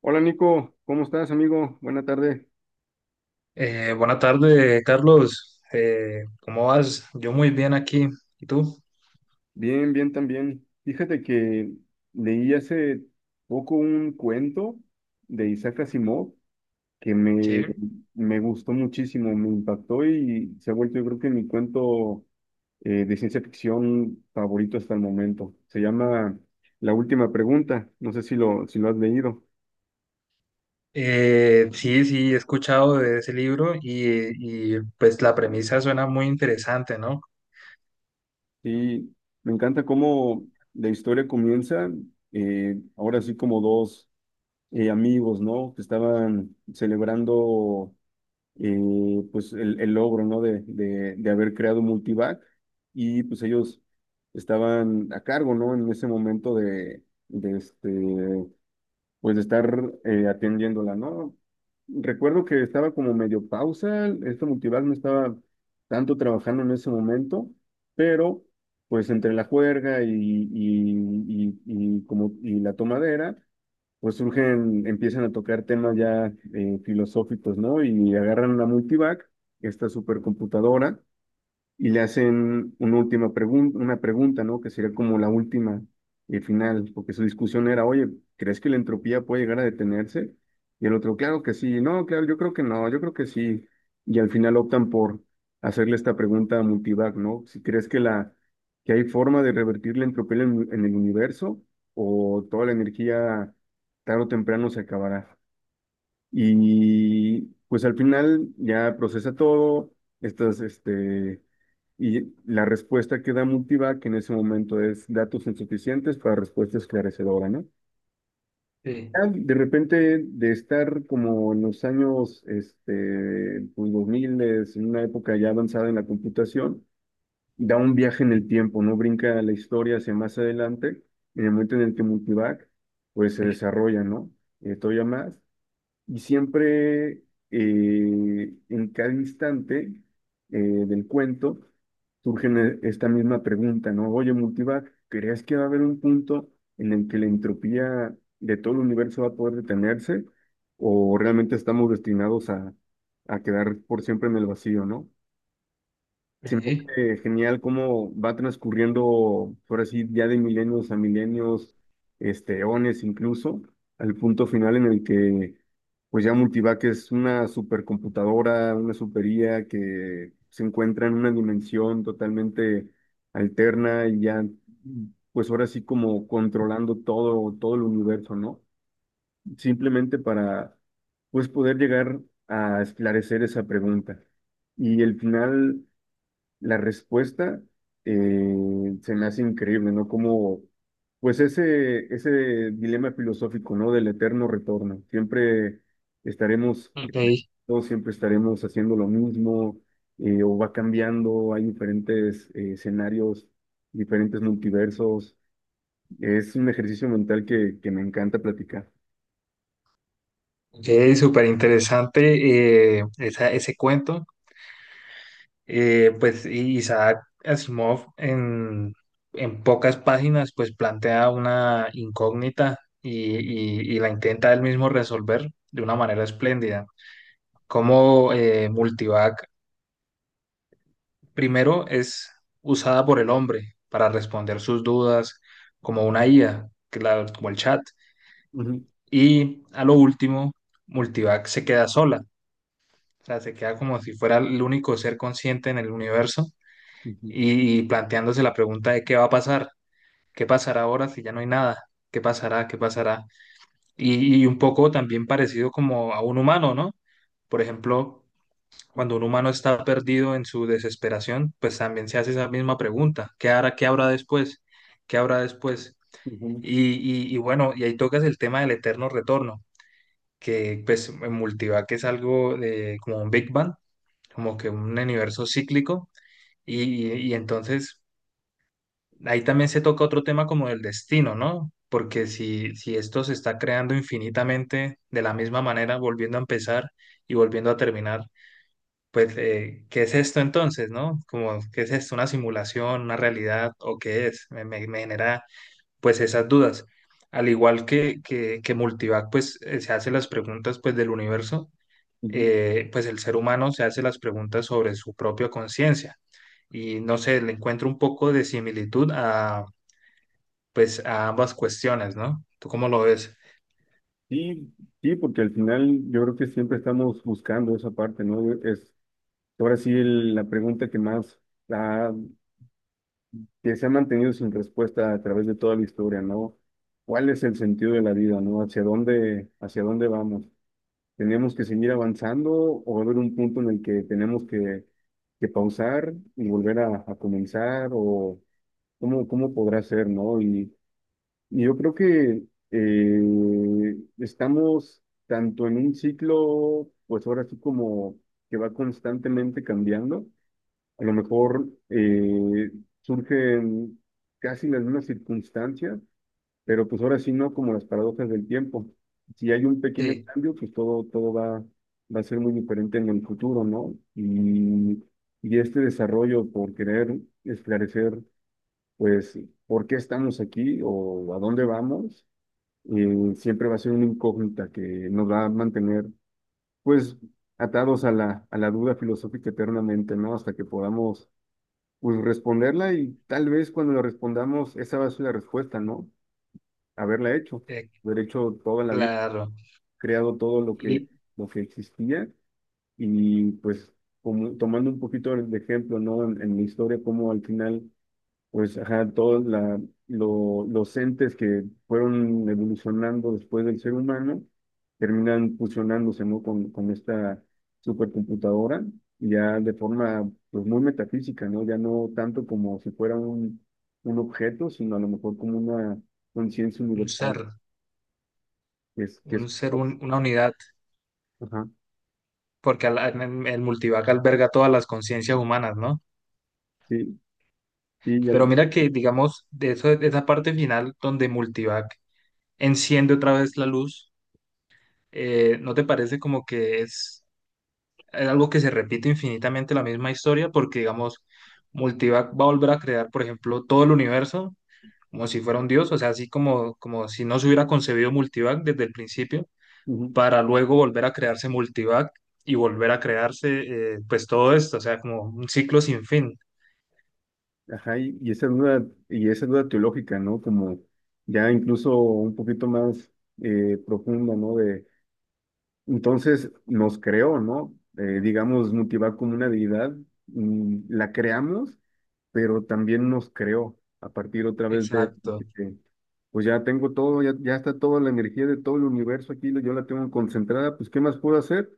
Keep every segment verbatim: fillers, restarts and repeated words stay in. Hola Nico, ¿cómo estás amigo? Buena tarde. Eh, buena tarde, Carlos. Eh, ¿cómo vas? Yo muy bien aquí. ¿Y tú? Bien, bien también. Fíjate que leí hace poco un cuento de Isaac Asimov que me, Sí. me gustó muchísimo, me impactó y se ha vuelto yo creo que mi cuento eh, de ciencia ficción favorito hasta el momento. Se llama La última pregunta, no sé si lo, si lo has leído. Eh, sí, sí, he escuchado de ese libro y, y, pues la premisa suena muy interesante, ¿no? Y me encanta cómo la historia comienza, eh, ahora sí como dos eh, amigos, ¿no? Que estaban celebrando eh, pues el, el logro, ¿no? De, de, de haber creado Multivac y pues ellos estaban a cargo, ¿no? En ese momento de, de este, pues de estar eh, atendiéndola, ¿no? Recuerdo que estaba como medio pausa, este Multivac no estaba tanto trabajando en ese momento, pero pues entre la juerga y, y, y, y como, y la tomadera, pues surgen, empiezan a tocar temas ya eh, filosóficos, ¿no? Y agarran la Multivac, esta supercomputadora, y le hacen una última pregunta, una pregunta, ¿no? Que sería como la última y final, porque su discusión era, oye, ¿crees que la entropía puede llegar a detenerse? Y el otro, claro que sí, no, claro, yo creo que no, yo creo que sí. Y al final optan por hacerle esta pregunta a Multivac, ¿no? Si crees que la ¿Que hay forma de revertir la entropía en, en el universo o toda la energía tarde o temprano se acabará? Y pues al final ya procesa todo, estas, este, y la respuesta que da Multivac en ese momento es datos insuficientes para respuesta esclarecedora, ¿no? Sí. Ya de repente, de estar como en los años, este, pues dos mil, en una época ya avanzada en la computación, da un viaje en el tiempo, ¿no? Brinca la historia hacia más adelante, en el momento en el que Multivac, pues se desarrolla, ¿no? Eh, todavía más. Y siempre eh, en cada instante eh, del cuento surge ne- esta misma pregunta, ¿no? Oye, Multivac, ¿crees que va a haber un punto en el que la entropía de todo el universo va a poder detenerse? ¿O realmente estamos destinados a, a quedar por siempre en el vacío, ¿no? Se me Sí. hace genial cómo va transcurriendo, por así, ya de milenios a milenios, este, eones incluso, al punto final en el que, pues ya Multivac es una supercomputadora, una super I A que se encuentra en una dimensión totalmente alterna y ya, pues ahora sí como controlando todo, todo el universo, ¿no? Simplemente para, pues poder llegar a esclarecer esa pregunta. Y el final la respuesta eh, se me hace increíble, ¿no? Como, pues ese, ese dilema filosófico, ¿no? Del eterno retorno. Siempre estaremos, Ok, todos siempre estaremos haciendo lo mismo, eh, o va cambiando, hay diferentes eh, escenarios, diferentes multiversos. Es un ejercicio mental que, que me encanta platicar. ok, súper interesante eh, esa- ese cuento. Eh, pues y Isaac Asimov en, en pocas páginas pues plantea una incógnita y, y y la intenta él mismo resolver de una manera espléndida. Cómo eh, Multivac primero es usada por el hombre para responder sus dudas como una I A, que la- como el chat. Ujú, Y a lo último, Multivac se queda sola, o sea, se queda como si fuera el único ser consciente en el universo ujú, y, y planteándose la pregunta de qué va a pasar, qué pasará ahora si ya no hay nada, qué pasará, qué pasará. Y, y un poco también parecido como a un humano, ¿no? Por ejemplo, cuando un humano está perdido en su desesperación, pues también se hace esa misma pregunta, ¿qué hará, qué habrá después? ¿Qué habrá después? ujú, Y, y- y bueno, y ahí tocas el tema del eterno retorno, que pues en Multivac es algo de, como un Big Bang, como que un universo cíclico, y, y- y entonces ahí también se toca otro tema como el destino, ¿no? Porque si, si esto se está creando infinitamente de la misma manera, volviendo a empezar y volviendo a terminar, pues, eh, ¿qué es esto entonces, no? Como, ¿qué es esto? ¿Una simulación, una realidad o qué es? Me, me- me genera, pues, esas dudas. Al igual que, que, que Multivac, pues, eh, se hace las preguntas, pues, del universo, ujú. eh, pues, el ser humano se hace las preguntas sobre su propia conciencia. Y, no sé, le encuentro un poco de similitud a, pues, a ambas cuestiones, ¿no? ¿Tú cómo lo ves? Sí, sí, porque al final yo creo que siempre estamos buscando esa parte, ¿no? Es, ahora sí, el- la pregunta que más ha- que se ha mantenido sin respuesta a través de toda la historia, ¿no? ¿Cuál es el sentido de la vida, ¿no? ¿Hacia dónde, hacia dónde vamos? ¿Tenemos que seguir avanzando o va a haber un punto en el que tenemos que, que pausar y volver a, a comenzar? ¿O cómo, cómo podrá ser, ¿no? Y, y yo creo que eh, estamos tanto en un ciclo, pues ahora sí como que va constantemente cambiando, a lo mejor eh, surgen casi las mismas circunstancias, pero pues ahora sí no como las paradojas del tiempo. Si hay un pequeño Sí, cambio, pues todo, todo va, va a ser muy diferente en el futuro, ¿no? Y, y este desarrollo por querer esclarecer, pues, por qué estamos aquí o a dónde vamos, eh, siempre va a ser una incógnita que nos va a mantener, pues, atados a la, a la duda filosófica eternamente, ¿no? Hasta que podamos pues responderla, y tal vez cuando la respondamos, esa va a ser la respuesta, ¿no? Haberla hecho, eh, haber hecho toda la vida, claro. creado todo lo que, Y lo que existía y pues como, tomando un poquito de ejemplo, ¿no? En, en mi historia, como al final pues, ajá, todos la- lo- los entes que fueron evolucionando después del ser humano terminan fusionándose, ¿no? Con, con esta supercomputadora, ya de forma, pues, muy metafísica, ¿no? Ya no tanto como si fuera un, un objeto, sino a lo mejor como una conciencia un ser, universal, que es, que un es, ser, un- una unidad. ajá, Porque al- en- el multivac alberga todas las conciencias humanas, ¿no? sí, sí, ya, Pero mira que, digamos, de, eso, de esa parte final donde multivac enciende otra vez la luz, eh, ¿no te parece como que es, es algo que se repite infinitamente la misma historia? Porque, digamos, multivac va a volver a crear, por ejemplo, todo el universo como si fuera un dios, o sea, así como, como si no se hubiera concebido multivac desde el principio, ujú, para luego volver a crearse multivac y volver a crearse, eh, pues todo esto, o sea, como un ciclo sin fin. ajá. Y, y esa duda, y esa duda teológica, ¿no? Como ya incluso un poquito más eh, profunda, ¿no? Entonces nos creó, ¿no? Eh, digamos, Mutivac como una deidad, mm, la creamos, pero también nos creó a partir otra vez de, Exacto. de- pues ya tengo todo, ya, ya está toda la energía de todo el universo aquí, yo la tengo concentrada, pues ¿qué más puedo hacer?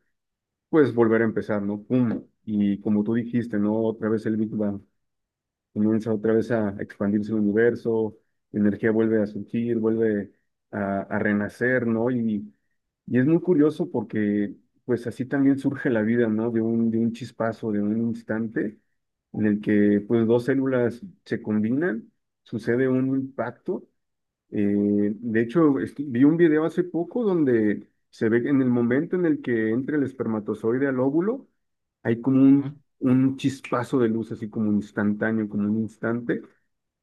Pues volver a empezar, ¿no? Pum. Y como tú dijiste, ¿no? Otra vez el Big Bang comienza otra vez a expandirse el universo, la energía vuelve a surgir, vuelve a, a renacer, ¿no? Y, y es muy curioso porque pues así también surge la vida, ¿no? De un, de un chispazo, de un instante en el que pues dos células se combinan, sucede un impacto. Eh, de hecho, este, vi un video hace poco donde se ve que en el momento en el que entra el espermatozoide al óvulo, hay como ¿No? un, un chispazo de luz, así como instantáneo, como un instante,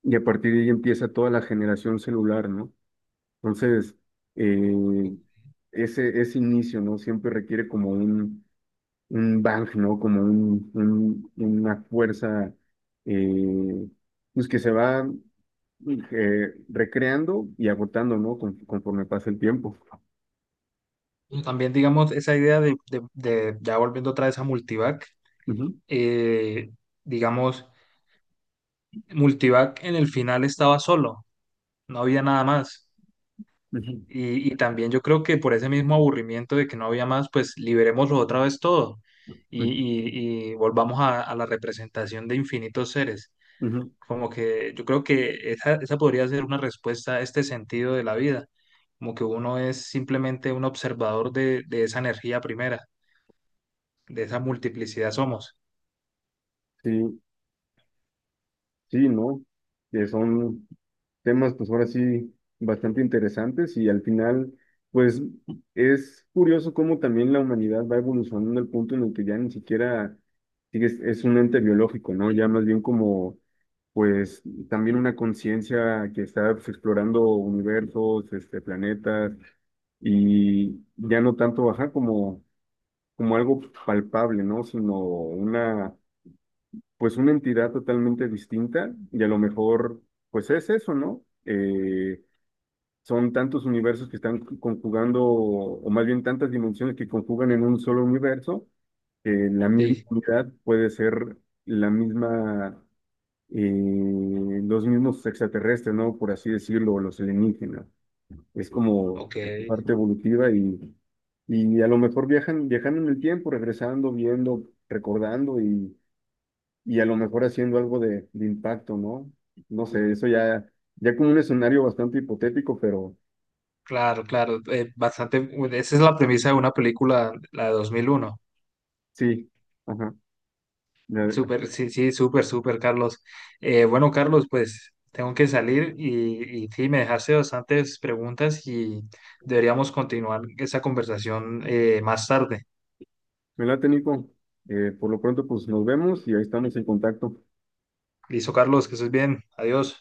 y a partir de ahí empieza toda la generación celular, ¿no? Entonces, eh, ese, ese inicio, ¿no? Siempre requiere como un, un bang, ¿no? Como un, un- una fuerza, eh, pues que se va eh, recreando y agotando, ¿no? Con- conforme pasa el tiempo. Y también, digamos, esa idea de, de- de- ya volviendo otra vez a Multivac, Ujú, eh, digamos, Multivac en el final estaba solo, no había nada más. ujú, Y, y también yo creo que por ese mismo aburrimiento de que no había más, pues liberémoslo otra vez todo y, ujú, y- y volvamos a, a la representación de infinitos seres. ujú. Como que yo creo que esa, esa podría ser una respuesta a este sentido de la vida, como que uno es simplemente un observador de, de esa energía primera, de esa multiplicidad somos. Sí, sí, ¿no? Que son temas, pues ahora sí, bastante interesantes y al final, pues es curioso cómo también la humanidad va evolucionando al punto en el que ya ni siquiera sigue- es, es un ente biológico, ¿no? Ya más bien como, pues también una conciencia que está, pues, explorando universos, este, planetas y ya no tanto bajar como, como algo palpable, ¿no? Sino una, pues una entidad totalmente distinta y a lo mejor, pues es eso, ¿no? Eh, son tantos universos que están conjugando, o más bien tantas dimensiones que conjugan en un solo universo, que la misma Sí, unidad puede ser la misma, eh, los mismos extraterrestres, ¿no? Por así decirlo, o los alienígenas. Es como ok, parte evolutiva y, y a lo mejor viajan, viajando en el tiempo, regresando, viendo, recordando y y a lo mejor haciendo algo de, de impacto, ¿no? No sé, eso ya, ya como un escenario bastante hipotético, pero claro, claro, eh, bastante, bueno, esa es la premisa de una película, la de dos mil uno. sí, ajá. Me, Súper, sí, sí, súper, súper, Carlos. Eh, bueno, Carlos, pues tengo que salir y, y sí, me dejaste bastantes preguntas y deberíamos continuar esa conversación eh, más tarde. me late, Nico. Eh, por lo pronto, pues nos vemos y ahí estamos en contacto. Listo, Carlos, que estés bien. Adiós.